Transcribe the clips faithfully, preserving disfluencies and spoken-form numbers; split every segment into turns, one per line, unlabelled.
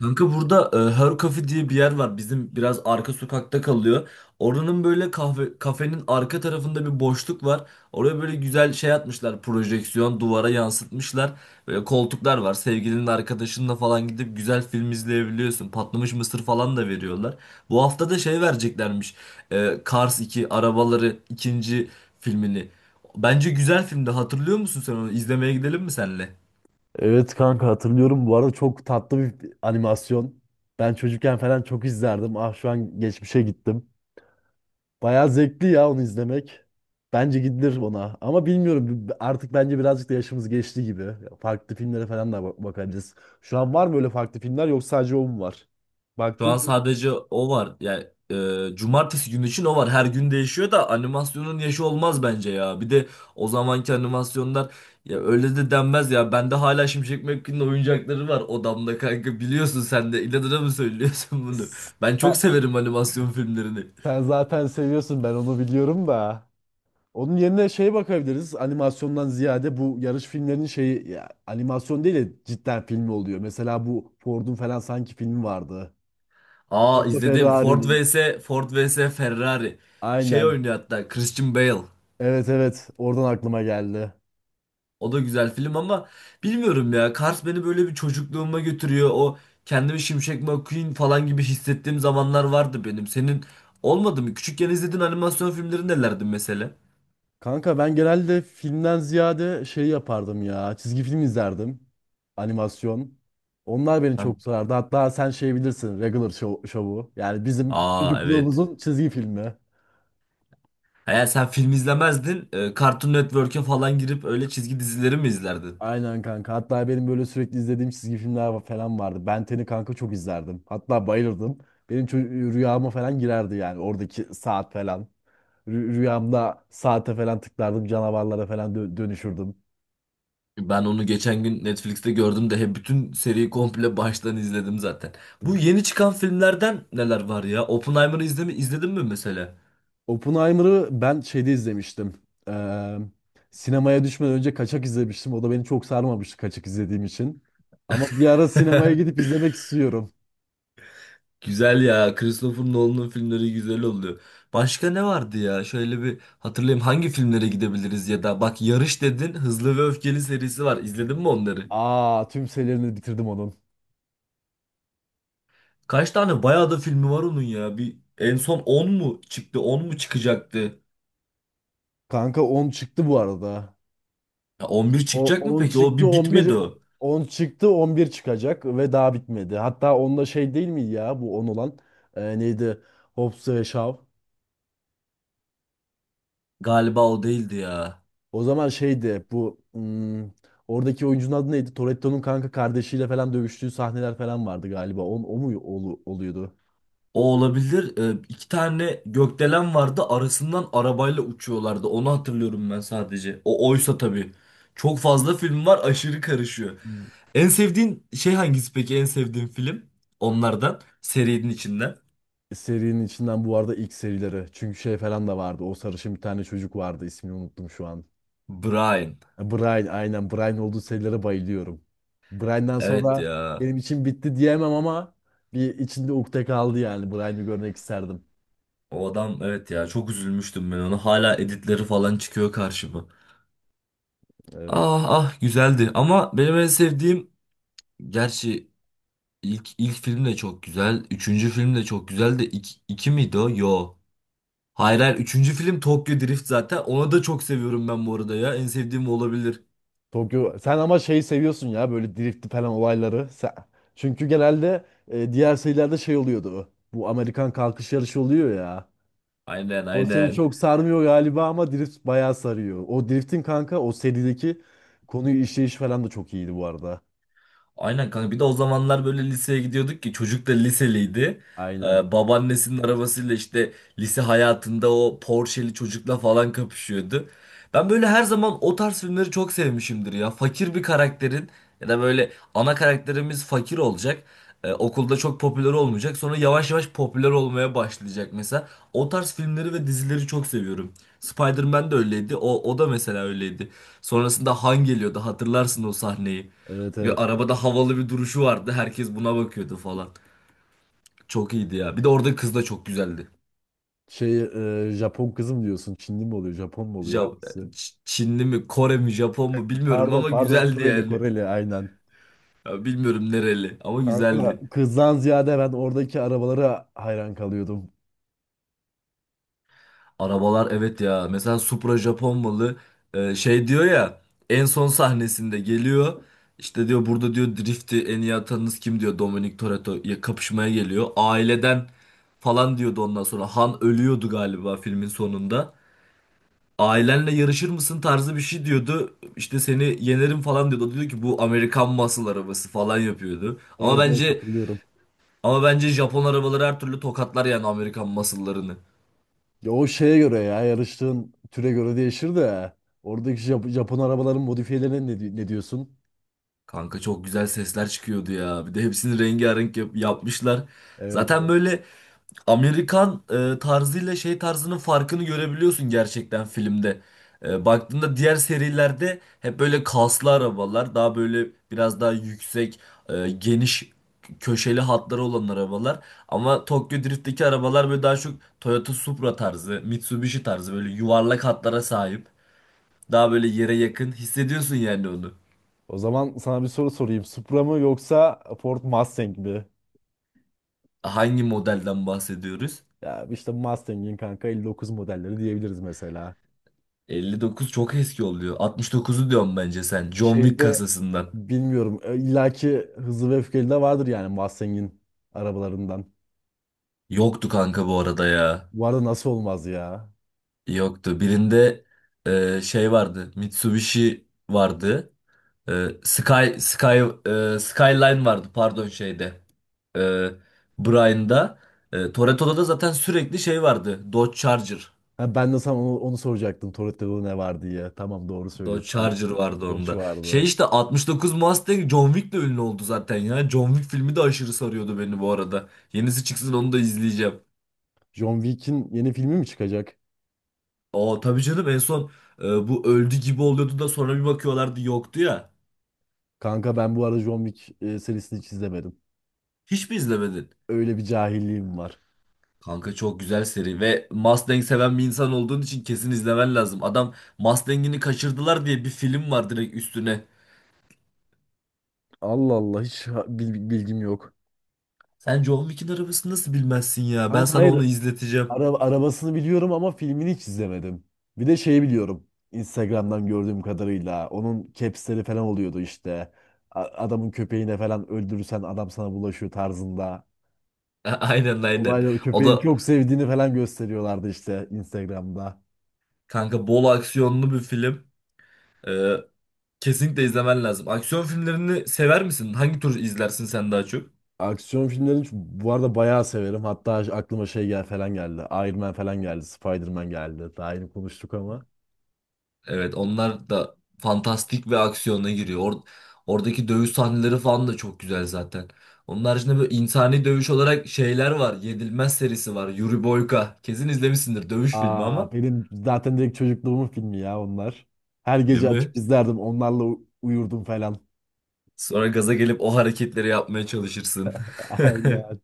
Kanka burada e, Her Cafe diye bir yer var. Bizim biraz arka sokakta kalıyor. Oranın böyle kahve kafenin arka tarafında bir boşluk var. Oraya böyle güzel şey atmışlar. Projeksiyon duvara yansıtmışlar. Böyle koltuklar var. Sevgilinin arkadaşınla falan gidip güzel film izleyebiliyorsun. Patlamış mısır falan da veriyorlar. Bu hafta da şey vereceklermiş. E, Cars iki Arabaları ikinci filmini. Bence güzel filmdi. Hatırlıyor musun sen onu? İzlemeye gidelim mi senle?
Evet kanka hatırlıyorum. Bu arada çok tatlı bir animasyon. Ben çocukken falan çok izlerdim. Ah şu an geçmişe gittim. Bayağı zevkli ya onu izlemek. Bence gidilir ona. Ama bilmiyorum b- artık bence birazcık da yaşımız geçti gibi. Farklı filmlere falan da ba- bakabiliriz. Şu an var mı öyle farklı filmler yoksa sadece o mu var?
Şu
Baktın
an
mı?
sadece o var. Yani e, cumartesi günü için o var. Her gün değişiyor da animasyonun yaşı olmaz bence ya. Bir de o zamanki animasyonlar ya öyle de denmez ya. Bende hala Şimşek McQueen'in oyuncakları var odamda kanka. Biliyorsun sen de. İnadına mı söylüyorsun bunu? Ben çok
Sen,
severim animasyon filmlerini.
sen zaten seviyorsun, ben onu biliyorum da. Onun yerine şeye bakabiliriz. Animasyondan ziyade bu yarış filmlerinin şeyi ya, animasyon değil de cidden film oluyor. Mesela bu Ford'un falan sanki filmi vardı. Ford'la
Aa
Need
izledim. Ford
Ferrari'nin.
vs Ford vs Ferrari. Şey
Aynen.
oynuyor hatta Christian Bale.
Evet, evet. Oradan aklıma geldi.
O da güzel film ama bilmiyorum ya. Cars beni böyle bir çocukluğuma götürüyor. O kendimi Şimşek McQueen falan gibi hissettiğim zamanlar vardı benim. Senin olmadı mı? Küçükken izlediğin animasyon filmleri nelerdi mesela?
Kanka ben genelde filmden ziyade şey yapardım ya. Çizgi film izlerdim. Animasyon. Onlar beni
Sen-
çok sarardı. Hatta sen şey bilirsin. Regular Show- Show'u. Yani bizim
Aa, evet.
çocukluğumuzun çizgi filmi.
Eğer sen film izlemezdin, e, Cartoon Network'e falan girip öyle çizgi dizileri mi izlerdin?
Aynen kanka. Hatta benim böyle sürekli izlediğim çizgi filmler va- falan vardı. Ben Ten'i kanka çok izlerdim. Hatta bayılırdım. Benim ço- rüyama falan girerdi yani oradaki saat falan. Rü- rüyamda saate falan tıklardım. Canavarlara falan dö- dönüşürdüm.
Ben onu geçen gün Netflix'te gördüm de hep bütün seriyi komple baştan izledim zaten. Bu yeni çıkan filmlerden neler var ya? Oppenheimer'ı izlemi izledin mi mesela?
Oppenheimer'ı ben şeyde izlemiştim. Ee, Sinemaya düşmeden önce kaçak izlemiştim. O da beni çok sarmamıştı kaçak izlediğim için. Ama bir ara sinemaya gidip izlemek istiyorum.
Güzel ya. Christopher Nolan'ın filmleri güzel oluyor. Başka ne vardı ya? Şöyle bir hatırlayayım hangi filmlere gidebiliriz ya da bak Yarış dedin Hızlı ve Öfkeli serisi var. İzledin mi onları?
Aa, tüm serilerini bitirdim onun.
Kaç tane bayağı da filmi var onun ya. Bir en son on mu çıktı? On mu çıkacaktı?
Kanka on çıktı bu arada.
Ya on bir
O
çıkacak mı
on
peki? O
çıktı
bir
on
bitmedi
bir
o.
on çıktı, on bir çıkacak ve daha bitmedi. Hatta onda şey değil mi ya, bu on olan e, neydi? Hobbs ve Shaw.
Galiba o değildi ya.
O zaman şeydi bu, hmm, oradaki oyuncunun adı neydi? Toretto'nun kanka kardeşiyle falan dövüştüğü sahneler falan vardı galiba. On, o mu olu- oluyordu?
O olabilir. Ee, iki tane gökdelen vardı. Arasından arabayla uçuyorlardı. Onu hatırlıyorum ben sadece. O oysa tabii. Çok fazla film var, aşırı karışıyor.
Hmm,
En sevdiğin şey hangisi peki? En sevdiğin film? Onlardan. Serinin içinden.
Serinin içinden bu arada ilk serileri. Çünkü şey falan da vardı. O sarışın bir tane çocuk vardı. İsmini unuttum şu an.
Brian.
Brian, aynen, Brian olduğu serilere bayılıyorum. Brian'dan
Evet
sonra
ya.
benim için bitti diyemem ama bir içinde ukde kaldı yani. Brian'ı görmek isterdim.
O adam, evet ya. Çok üzülmüştüm ben ona. Hala editleri falan çıkıyor karşıma.
Evet.
Ah ah güzeldi. Ama benim en sevdiğim, gerçi ilk ilk film de çok güzel. Üçüncü film de çok güzel de iki, iki miydi o? Yo. Hayır, hayır. Üçüncü film Tokyo Drift zaten. Onu da çok seviyorum ben bu arada ya. En sevdiğim o olabilir.
Tokyo, sen ama şeyi seviyorsun ya, böyle drift falan olayları. Sen- Çünkü genelde e, diğer serilerde şey oluyordu. Bu Amerikan kalkış yarışı oluyor ya.
Aynen,
O seni
aynen.
çok sarmıyor galiba ama drift bayağı sarıyor. O driftin kanka, o serideki konuyu işleyiş falan da çok iyiydi bu arada.
Aynen kanka, bir de o zamanlar böyle liseye gidiyorduk ki çocuk da liseliydi. Ee,
Aynen.
babaannesinin arabasıyla işte lise hayatında o Porsche'li çocukla falan kapışıyordu. Ben böyle her zaman o tarz filmleri çok sevmişimdir ya. Fakir bir karakterin, ya da böyle ana karakterimiz fakir olacak. Ee, okulda çok popüler olmayacak. Sonra yavaş yavaş popüler olmaya başlayacak mesela. O tarz filmleri ve dizileri çok seviyorum. Spider-Man de öyleydi. O, o da mesela öyleydi. Sonrasında Han geliyordu. Hatırlarsın o sahneyi.
Evet,
Ya
evet.
arabada havalı bir duruşu vardı. Herkes buna bakıyordu falan. Çok iyiydi ya. Bir de orada kız da çok güzeldi.
Şey, e, Japon kızım diyorsun. Çinli mi oluyor? Japon mu oluyor?
Ja
Hangisi?
Ç- Çinli mi, Kore mi, Japon mu bilmiyorum
Pardon,
ama
pardon,
güzeldi
Koreli,
yani.
Koreli, aynen.
Ya bilmiyorum nereli ama
Kanka,
güzeldi.
kızdan ziyade ben oradaki arabalara hayran kalıyordum.
Arabalar, evet ya. Mesela Supra Japon malı. Ee, şey diyor ya en son sahnesinde geliyor. İşte diyor burada, diyor drift'i en iyi atanınız kim diyor, Dominic Toretto ya kapışmaya geliyor. Aileden falan diyordu ondan sonra. Han ölüyordu galiba filmin sonunda. Ailenle yarışır mısın tarzı bir şey diyordu. İşte seni yenerim falan diyordu. O da diyor ki, bu Amerikan muscle arabası falan yapıyordu. Ama
Evet, evet,
bence
hatırlıyorum.
ama bence Japon arabaları her türlü tokatlar yani Amerikan muscle'larını.
Ya o şeye göre, ya yarıştığın türe göre değişir de oradaki Jap- Japon arabaların modifiyelerine ne, di- ne diyorsun?
Kanka çok güzel sesler çıkıyordu ya. Bir de hepsini rengarenk yap- yapmışlar.
Evet.
Zaten
Evet.
böyle Amerikan e, tarzıyla şey tarzının farkını görebiliyorsun gerçekten filmde. E, baktığında diğer serilerde hep böyle kaslı arabalar, daha böyle biraz daha yüksek, e, geniş köşeli hatları olan arabalar. Ama Tokyo Drift'teki arabalar böyle daha çok Toyota Supra tarzı, Mitsubishi tarzı böyle yuvarlak hatlara sahip. Daha böyle yere yakın hissediyorsun yani onu.
O zaman sana bir soru sorayım. Supra mı yoksa Ford Mustang mi?
Hangi modelden bahsediyoruz?
Ya işte Mustang'in kanka elli dokuz modelleri diyebiliriz mesela.
elli dokuz çok eski oluyor. altmış dokuzu diyorum bence sen. John Wick
Şeyde
kasasından.
bilmiyorum. E, illaki Hızlı ve Öfkeli de vardır yani Mustang'in arabalarından.
Yoktu kanka bu arada ya.
Bu arada nasıl olmaz ya?
Yoktu. Birinde e, şey vardı. Mitsubishi vardı. E, Sky Sky e, Skyline vardı pardon şeyde. E, Brian'da. E, Toretto'da da zaten sürekli şey vardı. Dodge Charger.
Ha, ben de sana onu, onu soracaktım. Toretto'da ne var diye. Tamam, doğru
Dodge
söylüyorsun. Hani
Charger vardı
Borç
onda. Şey
vardı.
işte altmış dokuz Mustang John Wick de ünlü oldu zaten ya. John Wick filmi de aşırı sarıyordu beni bu arada. Yenisi çıksın onu da izleyeceğim.
John Wick'in yeni filmi mi çıkacak?
Aa tabii canım, en son e, bu öldü gibi oluyordu da sonra bir bakıyorlardı yoktu ya.
Kanka ben bu arada John Wick e, serisini hiç izlemedim.
Hiç mi izlemedin?
Öyle bir cahilliğim var.
Kanka çok güzel seri ve Mustang seven bir insan olduğun için kesin izlemen lazım. Adam Mustang'ini kaçırdılar diye bir film var direkt üstüne.
Allah Allah, hiç ha- bil- bilgim yok.
Sen John Wick'in arabasını nasıl bilmezsin ya? Ben
Kanka
sana
hayır,
onu izleteceğim.
Ara- arabasını biliyorum ama filmini hiç izlemedim. Bir de şeyi biliyorum. Instagram'dan gördüğüm kadarıyla onun capsleri falan oluyordu işte. A- Adamın köpeğine falan öldürürsen adam sana bulaşıyor tarzında.
Aynen, aynen.
Olayları
O
köpeğini
da
çok sevdiğini falan gösteriyorlardı işte Instagram'da.
Kanka, bol aksiyonlu bir film. Ee, kesinlikle izlemen lazım. Aksiyon filmlerini sever misin? Hangi tür izlersin sen daha çok?
Aksiyon filmlerini ç- bu arada bayağı severim. Hatta aklıma şey gel falan geldi. Iron Man falan geldi. Spider-Man geldi. Daha yeni konuştuk ama.
Evet, onlar da fantastik ve aksiyona giriyor. Or- oradaki dövüş sahneleri falan da çok güzel zaten. Onun haricinde böyle insani dövüş olarak şeyler var. Yedilmez serisi var. Yuri Boyka. Kesin izlemişsindir, dövüş filmi
Aa,
ama.
benim zaten direkt çocukluğumun filmi ya onlar. Her
Değil
gece
mi?
açıp izlerdim. Onlarla u- uyurdum falan.
Sonra gaza gelip o hareketleri yapmaya çalışırsın.
Aynen.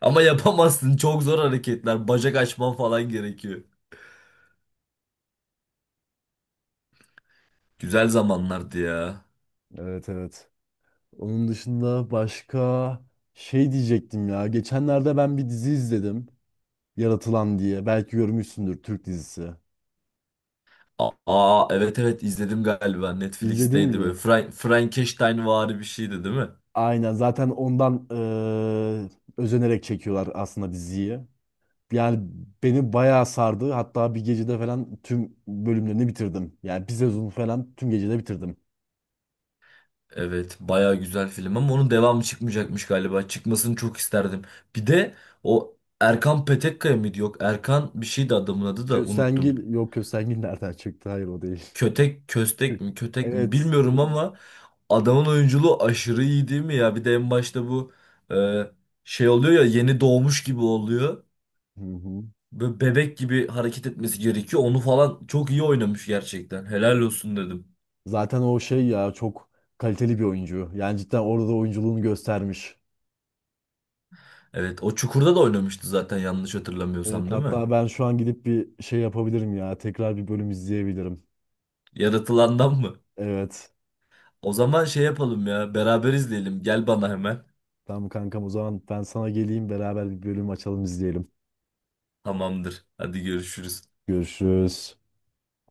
Ama yapamazsın. Çok zor hareketler. Bacak açman falan gerekiyor. Güzel zamanlardı ya.
Evet, evet. Onun dışında başka şey diyecektim ya. Geçenlerde ben bir dizi izledim. Yaratılan diye. Belki görmüşsündür, Türk dizisi.
A- Aa, evet, evet, izledim galiba.
İzledin
Netflix'teydi, böyle
mi?
Fra Frankensteinvari bir şeydi değil mi?
Aynen. Zaten ondan eee, özenerek çekiyorlar aslında diziyi. Yani beni bayağı sardı. Hatta bir gecede falan tüm bölümlerini bitirdim. Yani bir sezonu falan tüm gecede bitirdim.
Evet, baya güzel film ama onun devamı çıkmayacakmış galiba. Çıkmasını çok isterdim. Bir de o Erkan Petekkaya mıydı? Yok, Erkan bir şeydi adamın adı, da unuttum.
Köstengil, yok Köstengil nereden çıktı? Hayır, o değil.
Kötek köstek
Kö-
mi, kötek mi
Evet.
bilmiyorum ama adamın oyunculuğu aşırı iyi değil mi ya? Bir de en başta bu e, şey oluyor ya, yeni doğmuş gibi oluyor.
Hı hı.
Böyle bebek gibi hareket etmesi gerekiyor. Onu falan çok iyi oynamış gerçekten. Helal olsun dedim.
Zaten o şey ya, çok kaliteli bir oyuncu. Yani cidden orada da oyunculuğunu göstermiş.
Evet, o Çukur'da da oynamıştı zaten, yanlış
Evet,
hatırlamıyorsam değil mi?
hatta ben şu an gidip bir şey yapabilirim ya. Tekrar bir bölüm izleyebilirim.
Yaratılandan mı?
Evet.
O zaman şey yapalım ya, beraber izleyelim. Gel bana hemen.
Tamam kankam, o zaman ben sana geleyim, beraber bir bölüm açalım, izleyelim.
Tamamdır. Hadi görüşürüz.
Görüşürüz.